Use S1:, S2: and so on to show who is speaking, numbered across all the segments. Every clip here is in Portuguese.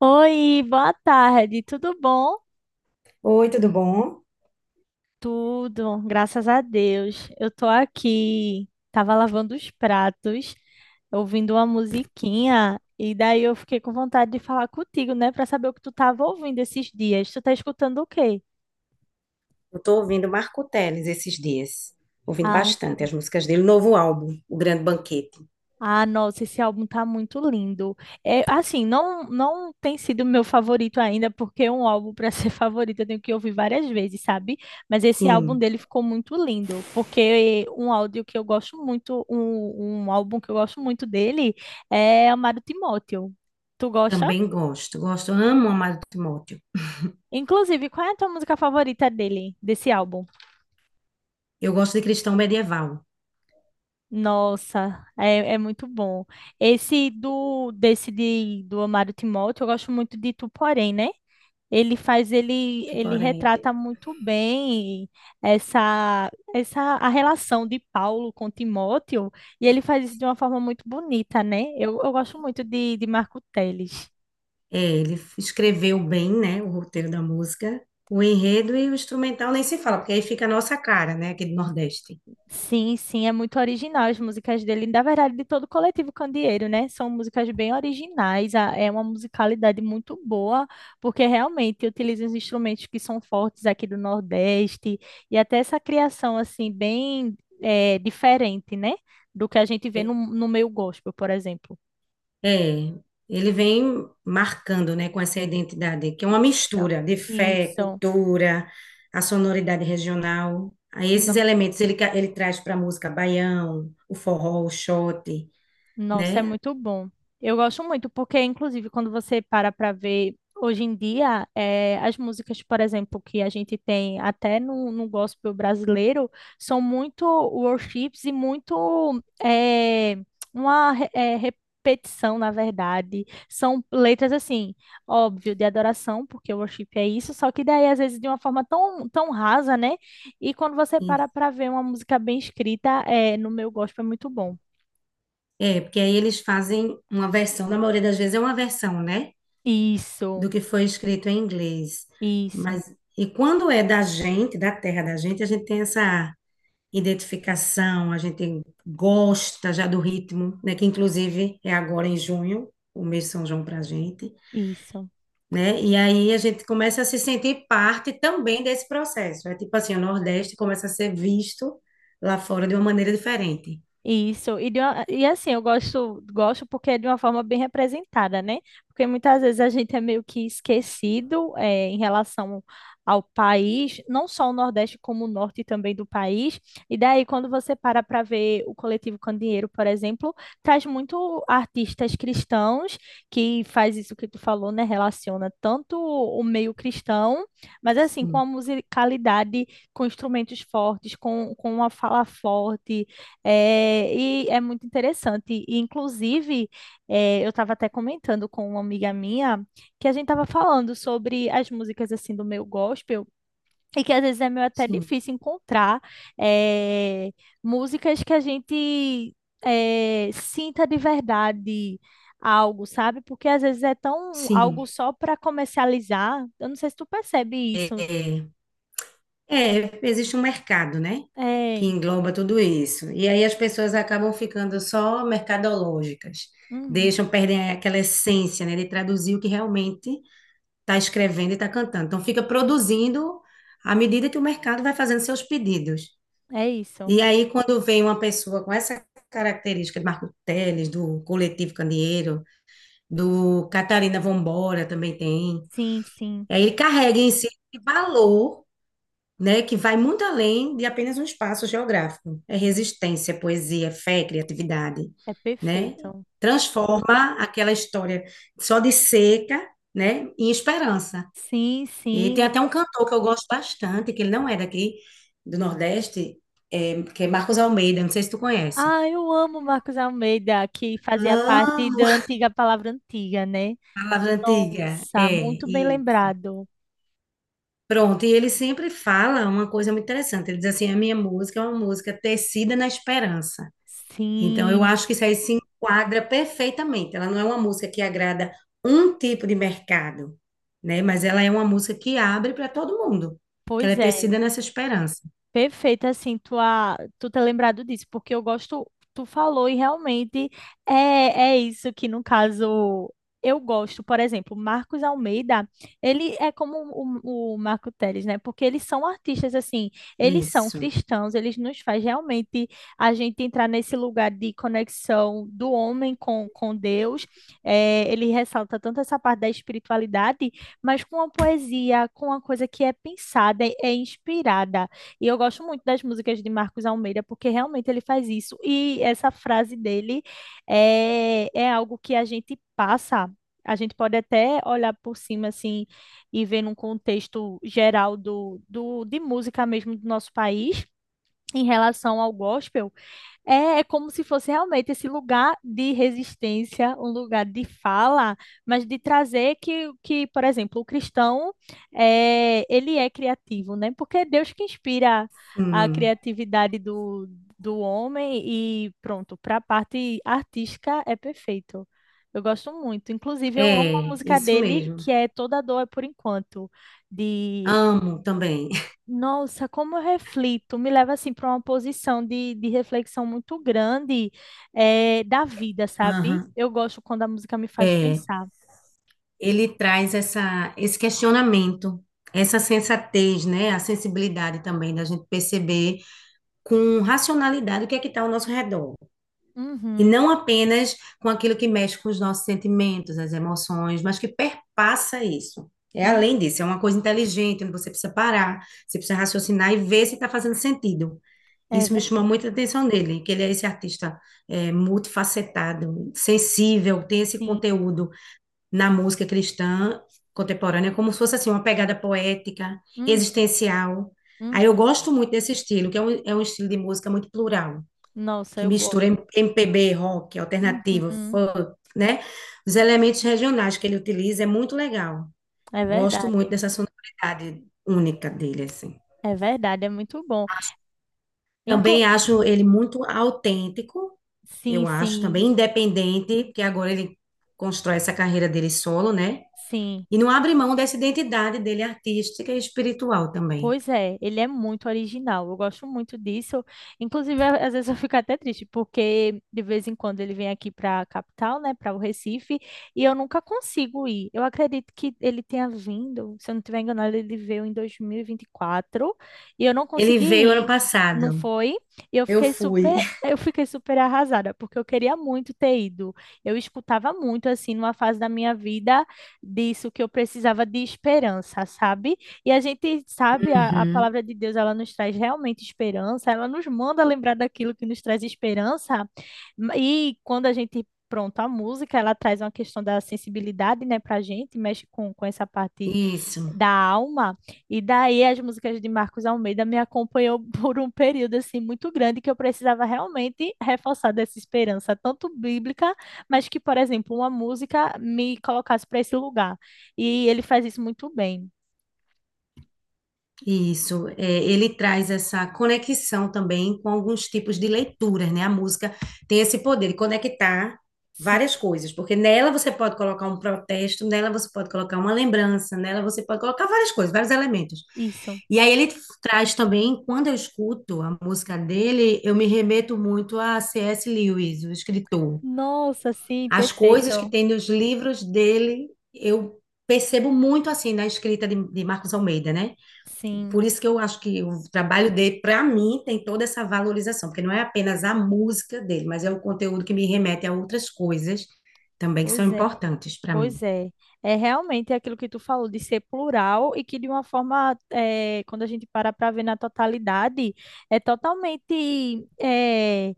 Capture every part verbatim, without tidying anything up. S1: Oi, boa tarde, tudo bom?
S2: Oi, tudo bom?
S1: Tudo, graças a Deus. Eu tô aqui, tava lavando os pratos, ouvindo uma musiquinha, e daí eu fiquei com vontade de falar contigo, né, pra saber o que tu tava ouvindo esses dias. Tu tá escutando o quê?
S2: Eu tô ouvindo Marco Teles esses dias. Ouvindo
S1: Ah.
S2: bastante as músicas dele. Novo álbum, O Grande Banquete.
S1: Ah, nossa, esse álbum tá muito lindo. É, assim, não não tem sido meu favorito ainda, porque é um álbum para ser favorito eu tenho que ouvir várias vezes, sabe? Mas esse álbum
S2: Sim.
S1: dele ficou muito lindo, porque um áudio que eu gosto muito, um, um álbum que eu gosto muito dele é Amado Timóteo. Tu gosta?
S2: Também gosto. Gosto, amo Amado Timóteo.
S1: Inclusive, qual é a tua música favorita dele, desse álbum?
S2: Eu gosto de Cristão Medieval.
S1: Nossa, é, é muito bom. Esse do desse de, do Amado Timóteo, eu gosto muito de Tu Porém, né? Ele faz, ele, ele
S2: Porém,
S1: retrata muito bem essa, essa a relação de Paulo com Timóteo, e ele faz isso de uma forma muito bonita, né? Eu, eu gosto muito de, de Marco Teles.
S2: é, ele escreveu bem, né, o roteiro da música. O enredo e o instrumental nem se fala, porque aí fica a nossa cara, né, aqui do Nordeste.
S1: Sim, sim, é muito original as músicas dele, na verdade, de todo o coletivo Candeeiro, né? São músicas bem originais, a- é uma musicalidade muito boa, porque realmente utiliza os instrumentos que são fortes aqui do Nordeste, e até essa criação, assim, bem eh, diferente, né? Do que a gente vê no, no meio gospel, por exemplo.
S2: É, ele vem marcando, né, com essa identidade, que é uma
S1: Isso,
S2: mistura de fé,
S1: isso.
S2: cultura, a sonoridade regional. Aí esses
S1: Nossa.
S2: elementos ele, ca- ele traz para a música baião, o forró, o xote,
S1: Nossa, é
S2: né?
S1: muito bom. Eu gosto muito, porque, inclusive, quando você para para ver, hoje em dia, eh, as músicas, por exemplo, que a gente tem até no, no gospel brasileiro, são muito worships e muito eh, uma re- eh, repetição, na verdade. São letras, assim, óbvio, de adoração, porque o worship é isso, só que daí, às vezes, de uma forma tão, tão rasa, né? E quando você para
S2: E-
S1: para ver uma música bem escrita, eh, no meu gospel é muito bom.
S2: É, porque aí eles fazem uma versão, na maioria das vezes é uma versão, né, do
S1: Isso.
S2: que foi escrito em inglês.
S1: Isso,
S2: Mas e quando é da gente, da terra da gente, a gente tem essa identificação, a gente gosta já do ritmo, né? Que inclusive é agora em junho, o mês de São João para a gente,
S1: isso.
S2: né? E aí a gente começa a se sentir parte também desse processo. É tipo assim, o Nordeste começa a ser visto lá fora de uma maneira diferente.
S1: Isso, e, de uma- e assim, eu gosto, gosto porque é de uma forma bem representada, né? Porque muitas vezes a gente é meio que esquecido eh, em relação ao país, não só o Nordeste, como o Norte também do país. E daí, quando você para para ver o Coletivo Candeeiro, por exemplo, traz muito artistas cristãos que faz isso que tu falou, né? Relaciona tanto o meio cristão, mas assim, com a
S2: Sim,
S1: musicalidade, com instrumentos fortes, com, com uma fala forte, é, e é muito interessante. E, inclusive, é, eu estava até comentando com uma amiga minha que a gente estava falando sobre as músicas assim do meu gospel e que às vezes é meio até
S2: sim,
S1: difícil encontrar é, músicas que a gente é, sinta de verdade algo, sabe? Porque às vezes é tão algo
S2: sim.
S1: só para comercializar. Eu não sei se tu percebe
S2: É,
S1: isso.
S2: é, existe um mercado, né? Que
S1: É,
S2: engloba tudo isso. E aí as pessoas acabam ficando só mercadológicas.
S1: uhum,
S2: Deixam, perdem aquela essência, né, de traduzir o que realmente está escrevendo e está cantando. Então, fica produzindo à medida que o mercado vai fazendo seus pedidos.
S1: é isso.
S2: E aí, quando vem uma pessoa com essa característica de Marco Teles, do Coletivo Candeeiro, do Catarina Vambora também tem,
S1: Sim, sim.
S2: aí ele carrega em si esse valor, né, que vai muito além de apenas um espaço geográfico. É resistência, poesia, fé, criatividade,
S1: É
S2: né?
S1: perfeito.
S2: Transforma aquela história só de seca, né, em esperança.
S1: Sim,
S2: E tem
S1: sim.
S2: até um cantor que eu gosto bastante, que ele não é daqui do Nordeste, é, que é Marcos Almeida, não sei se tu conhece.
S1: Ah, eu amo Marcos Almeida, que fazia parte
S2: Amo
S1: da antiga Palavra Antiga, né?
S2: a Palavra antiga,
S1: Nossa,
S2: é,
S1: muito bem
S2: e
S1: lembrado.
S2: pronto, e ele sempre fala uma coisa muito interessante, ele diz assim, a minha música é uma música tecida na esperança, então eu
S1: Sim,
S2: acho que isso aí se enquadra perfeitamente, ela não é uma música que agrada um tipo de mercado, né, mas ela é uma música que abre para todo mundo, que ela é
S1: pois é.
S2: tecida nessa esperança.
S1: Perfeita, assim, tua, tu ter lembrado disso, porque eu gosto, tu falou e realmente é, é isso que, no caso, eu gosto. Por exemplo, Marcos Almeida, ele é como o, o Marco Teles, né? Porque eles são artistas, assim,
S2: É
S1: eles são
S2: isso.
S1: cristãos, eles nos faz realmente a gente entrar nesse lugar de conexão do homem com, com Deus. É, ele ressalta tanto essa parte da espiritualidade, mas com a poesia, com a coisa que é pensada, é é inspirada. E eu gosto muito das músicas de Marcos Almeida, porque realmente ele faz isso. E essa frase dele é, é algo que a gente passa. A gente pode até olhar por cima assim e ver num contexto geral do, do, de música mesmo do nosso país em relação ao gospel, é, é como se fosse realmente esse lugar de resistência, um lugar de fala, mas de trazer que, que por exemplo, o cristão, é, ele é criativo, né? Porque é Deus que inspira a
S2: Hum.
S1: criatividade do, do homem e pronto, para a parte artística é perfeito. Eu gosto muito. Inclusive, eu amo a
S2: É,
S1: música
S2: isso
S1: dele,
S2: mesmo.
S1: que é Toda Dor é por Enquanto, de
S2: Amo também.
S1: nossa, como eu reflito, me leva assim para uma posição de, de reflexão muito grande eh, da vida, sabe?
S2: Aham,
S1: Eu gosto quando a música me faz
S2: é,
S1: pensar.
S2: ele traz essa, esse questionamento, essa sensatez, né? A sensibilidade também da gente perceber com racionalidade o que é que está ao nosso redor. E
S1: Uhum,
S2: não apenas com aquilo que mexe com os nossos sentimentos, as emoções, mas que perpassa isso. É
S1: uhum,
S2: além disso, é uma coisa inteligente, onde você precisa parar, você precisa raciocinar e ver se está fazendo sentido.
S1: é
S2: Isso me chama
S1: verdade.
S2: muita atenção dele, que ele é esse artista é, multifacetado, sensível, tem esse
S1: Sim.
S2: conteúdo na música cristã contemporânea, como se fosse assim, uma pegada poética,
S1: Uhum,
S2: existencial.
S1: uhum.
S2: Aí eu gosto muito desse estilo, que é um, é um estilo de música muito plural
S1: Nossa,
S2: que
S1: eu
S2: mistura M-
S1: gosto.
S2: MPB, rock, alternativo,
S1: Uhum,
S2: funk, né? Os elementos regionais que ele utiliza é muito legal.
S1: é
S2: Gosto muito
S1: verdade.
S2: dessa sonoridade única dele, assim.
S1: É verdade, é muito bom.
S2: Também
S1: Inclu-
S2: acho ele muito autêntico,
S1: sim,
S2: eu acho,
S1: sim,
S2: também independente, porque agora ele constrói essa carreira dele solo, né?
S1: sim.
S2: E não abre mão dessa identidade dele artística e espiritual também.
S1: Pois é, ele é muito original. Eu gosto muito disso. Inclusive, a- às vezes eu fico até triste, porque de vez em quando ele vem aqui para a capital, né, para o Recife, e eu nunca consigo ir. Eu acredito que ele tenha vindo, se eu não estiver enganado, ele veio em dois mil e vinte e quatro e vinte e quatro e eu não
S2: Ele
S1: consegui
S2: veio ano
S1: ir. Não
S2: passado.
S1: foi? E eu
S2: Eu
S1: fiquei
S2: fui.
S1: super, eu fiquei super arrasada, porque eu queria muito ter ido. Eu escutava muito assim numa fase da minha vida disso que eu precisava de esperança, sabe? E a gente sabe, a, a
S2: Uhum,
S1: palavra de Deus, ela nos traz realmente esperança, ela nos manda lembrar daquilo que nos traz esperança. E quando a gente, pronto, a música, ela traz uma questão da sensibilidade, né, pra gente, mexe com, com essa parte
S2: isso.
S1: da alma. E daí as músicas de Marcos Almeida me acompanhou por um período, assim, muito grande, que eu precisava realmente reforçar dessa esperança, tanto bíblica, mas que, por exemplo, uma música me colocasse para esse lugar. E ele faz isso muito bem.
S2: Isso, é, ele traz essa conexão também com alguns tipos de leituras, né? A música tem esse poder de conectar
S1: Sim.
S2: várias coisas, porque nela você pode colocar um protesto, nela você pode colocar uma lembrança, nela você pode colocar várias coisas, vários elementos.
S1: Isso.
S2: E aí ele traz também, quando eu escuto a música dele, eu me remeto muito a C S. Lewis, o escritor.
S1: Nossa, sim,
S2: As coisas que
S1: perfeito.
S2: tem nos livros dele, eu percebo muito assim na escrita de, de Marcos Almeida, né?
S1: Sim,
S2: Por isso que eu acho que o trabalho dele, para mim, tem toda essa valorização, porque não é apenas a música dele, mas é um conteúdo que me remete a outras coisas também que são
S1: pois é.
S2: importantes para mim.
S1: Pois é, é realmente é aquilo que tu falou de ser plural e que de uma forma, eh, quando a gente para para ver na totalidade, é totalmente eh,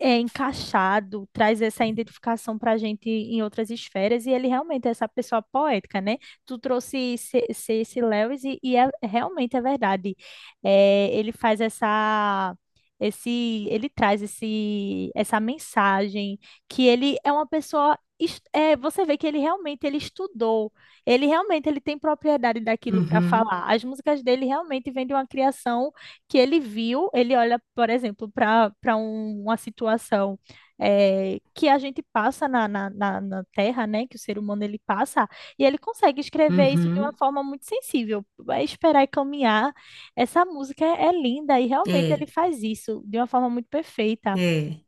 S1: é encaixado, traz essa identificação para a gente em outras esferas e ele realmente é essa pessoa poética, né? Tu trouxe C- C.S. Lewis e, e é, realmente é verdade. Eh, ele faz essa... Esse, ele traz esse, essa mensagem que ele é uma pessoa es- é, você vê que ele realmente ele estudou, ele realmente ele tem propriedade daquilo para
S2: Uhum,
S1: falar. As músicas dele realmente vêm de uma criação que ele viu. Ele olha, por exemplo, para para uma situação é, que a gente passa na, na, na, na Terra, né? Que o ser humano ele passa e ele consegue escrever isso de uma
S2: uhum,
S1: forma muito sensível. Vai esperar e caminhar. Essa música é é linda e realmente ele
S2: é,
S1: faz isso de uma forma muito perfeita.
S2: é.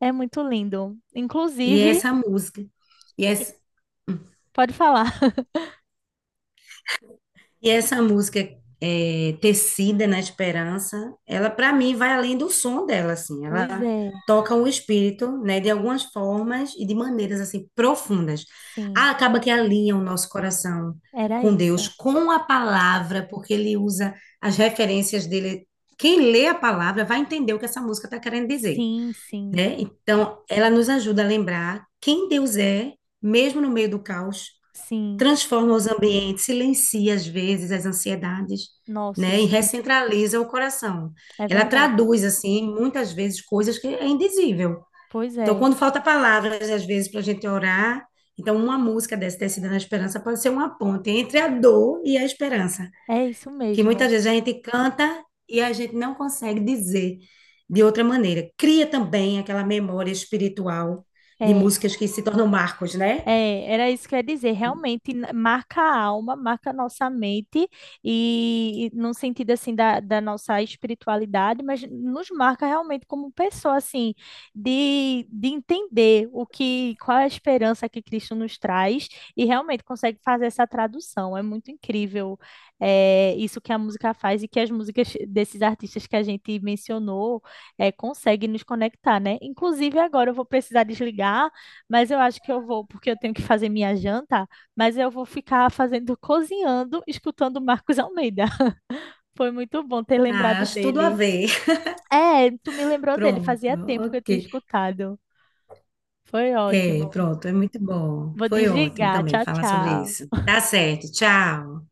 S1: É muito lindo.
S2: E é
S1: Inclusive,
S2: essa música. E
S1: Sim.
S2: essa,
S1: Pode falar.
S2: e essa música é, Tecida na Esperança, ela para mim vai além do som dela, assim,
S1: Pois
S2: ela
S1: é,
S2: toca o espírito, né, de algumas formas e de maneiras assim profundas.
S1: sim,
S2: Ah, acaba que alinha o nosso coração
S1: era
S2: com Deus,
S1: isso.
S2: com a palavra, porque ele usa as referências dele. Quem lê a palavra vai entender o que essa música está querendo dizer,
S1: Sim, sim,
S2: né? Então, ela nos ajuda a lembrar quem Deus é, mesmo no meio do caos,
S1: sim.
S2: transforma os ambientes, silencia às vezes as ansiedades,
S1: Nossa,
S2: né? E
S1: sim,
S2: recentraliza o coração.
S1: é
S2: Ela
S1: verdade.
S2: traduz, assim, muitas vezes coisas que é indizível.
S1: Pois
S2: Então,
S1: é,
S2: quando falta palavras, às vezes, para a gente orar, então uma música dessa tecida na esperança pode ser uma ponte entre a dor e a esperança,
S1: é isso
S2: que
S1: mesmo.
S2: muitas vezes a gente canta e a gente não consegue dizer de outra maneira. Cria também aquela memória espiritual de
S1: É.
S2: músicas que se tornam marcos, né?
S1: É, era isso que eu ia dizer. Realmente n- marca a alma, marca a nossa mente, e, e num sentido assim da, da nossa espiritualidade, mas nos marca realmente como pessoa, assim, de, de entender o que, qual é a esperança que Cristo nos traz e realmente consegue fazer essa tradução. É muito incrível, é, isso que a música faz e que as músicas desses artistas que a gente mencionou, é, conseguem nos conectar, né? Inclusive, agora eu vou precisar desligar, mas eu acho que eu vou, porque eu tenho que fazer minha janta, mas eu vou ficar fazendo, cozinhando, escutando Marcos Almeida. Foi muito bom ter
S2: Ah,
S1: lembrado
S2: acho tudo a
S1: dele.
S2: ver.
S1: É, tu me lembrou dele,
S2: Pronto,
S1: fazia tempo que eu
S2: ok.
S1: tinha escutado. Foi
S2: É,
S1: ótimo.
S2: pronto, é muito bom.
S1: Vou
S2: Foi ótimo
S1: desligar.
S2: também
S1: Tchau,
S2: falar sobre
S1: tchau.
S2: isso. Tá certo, tchau.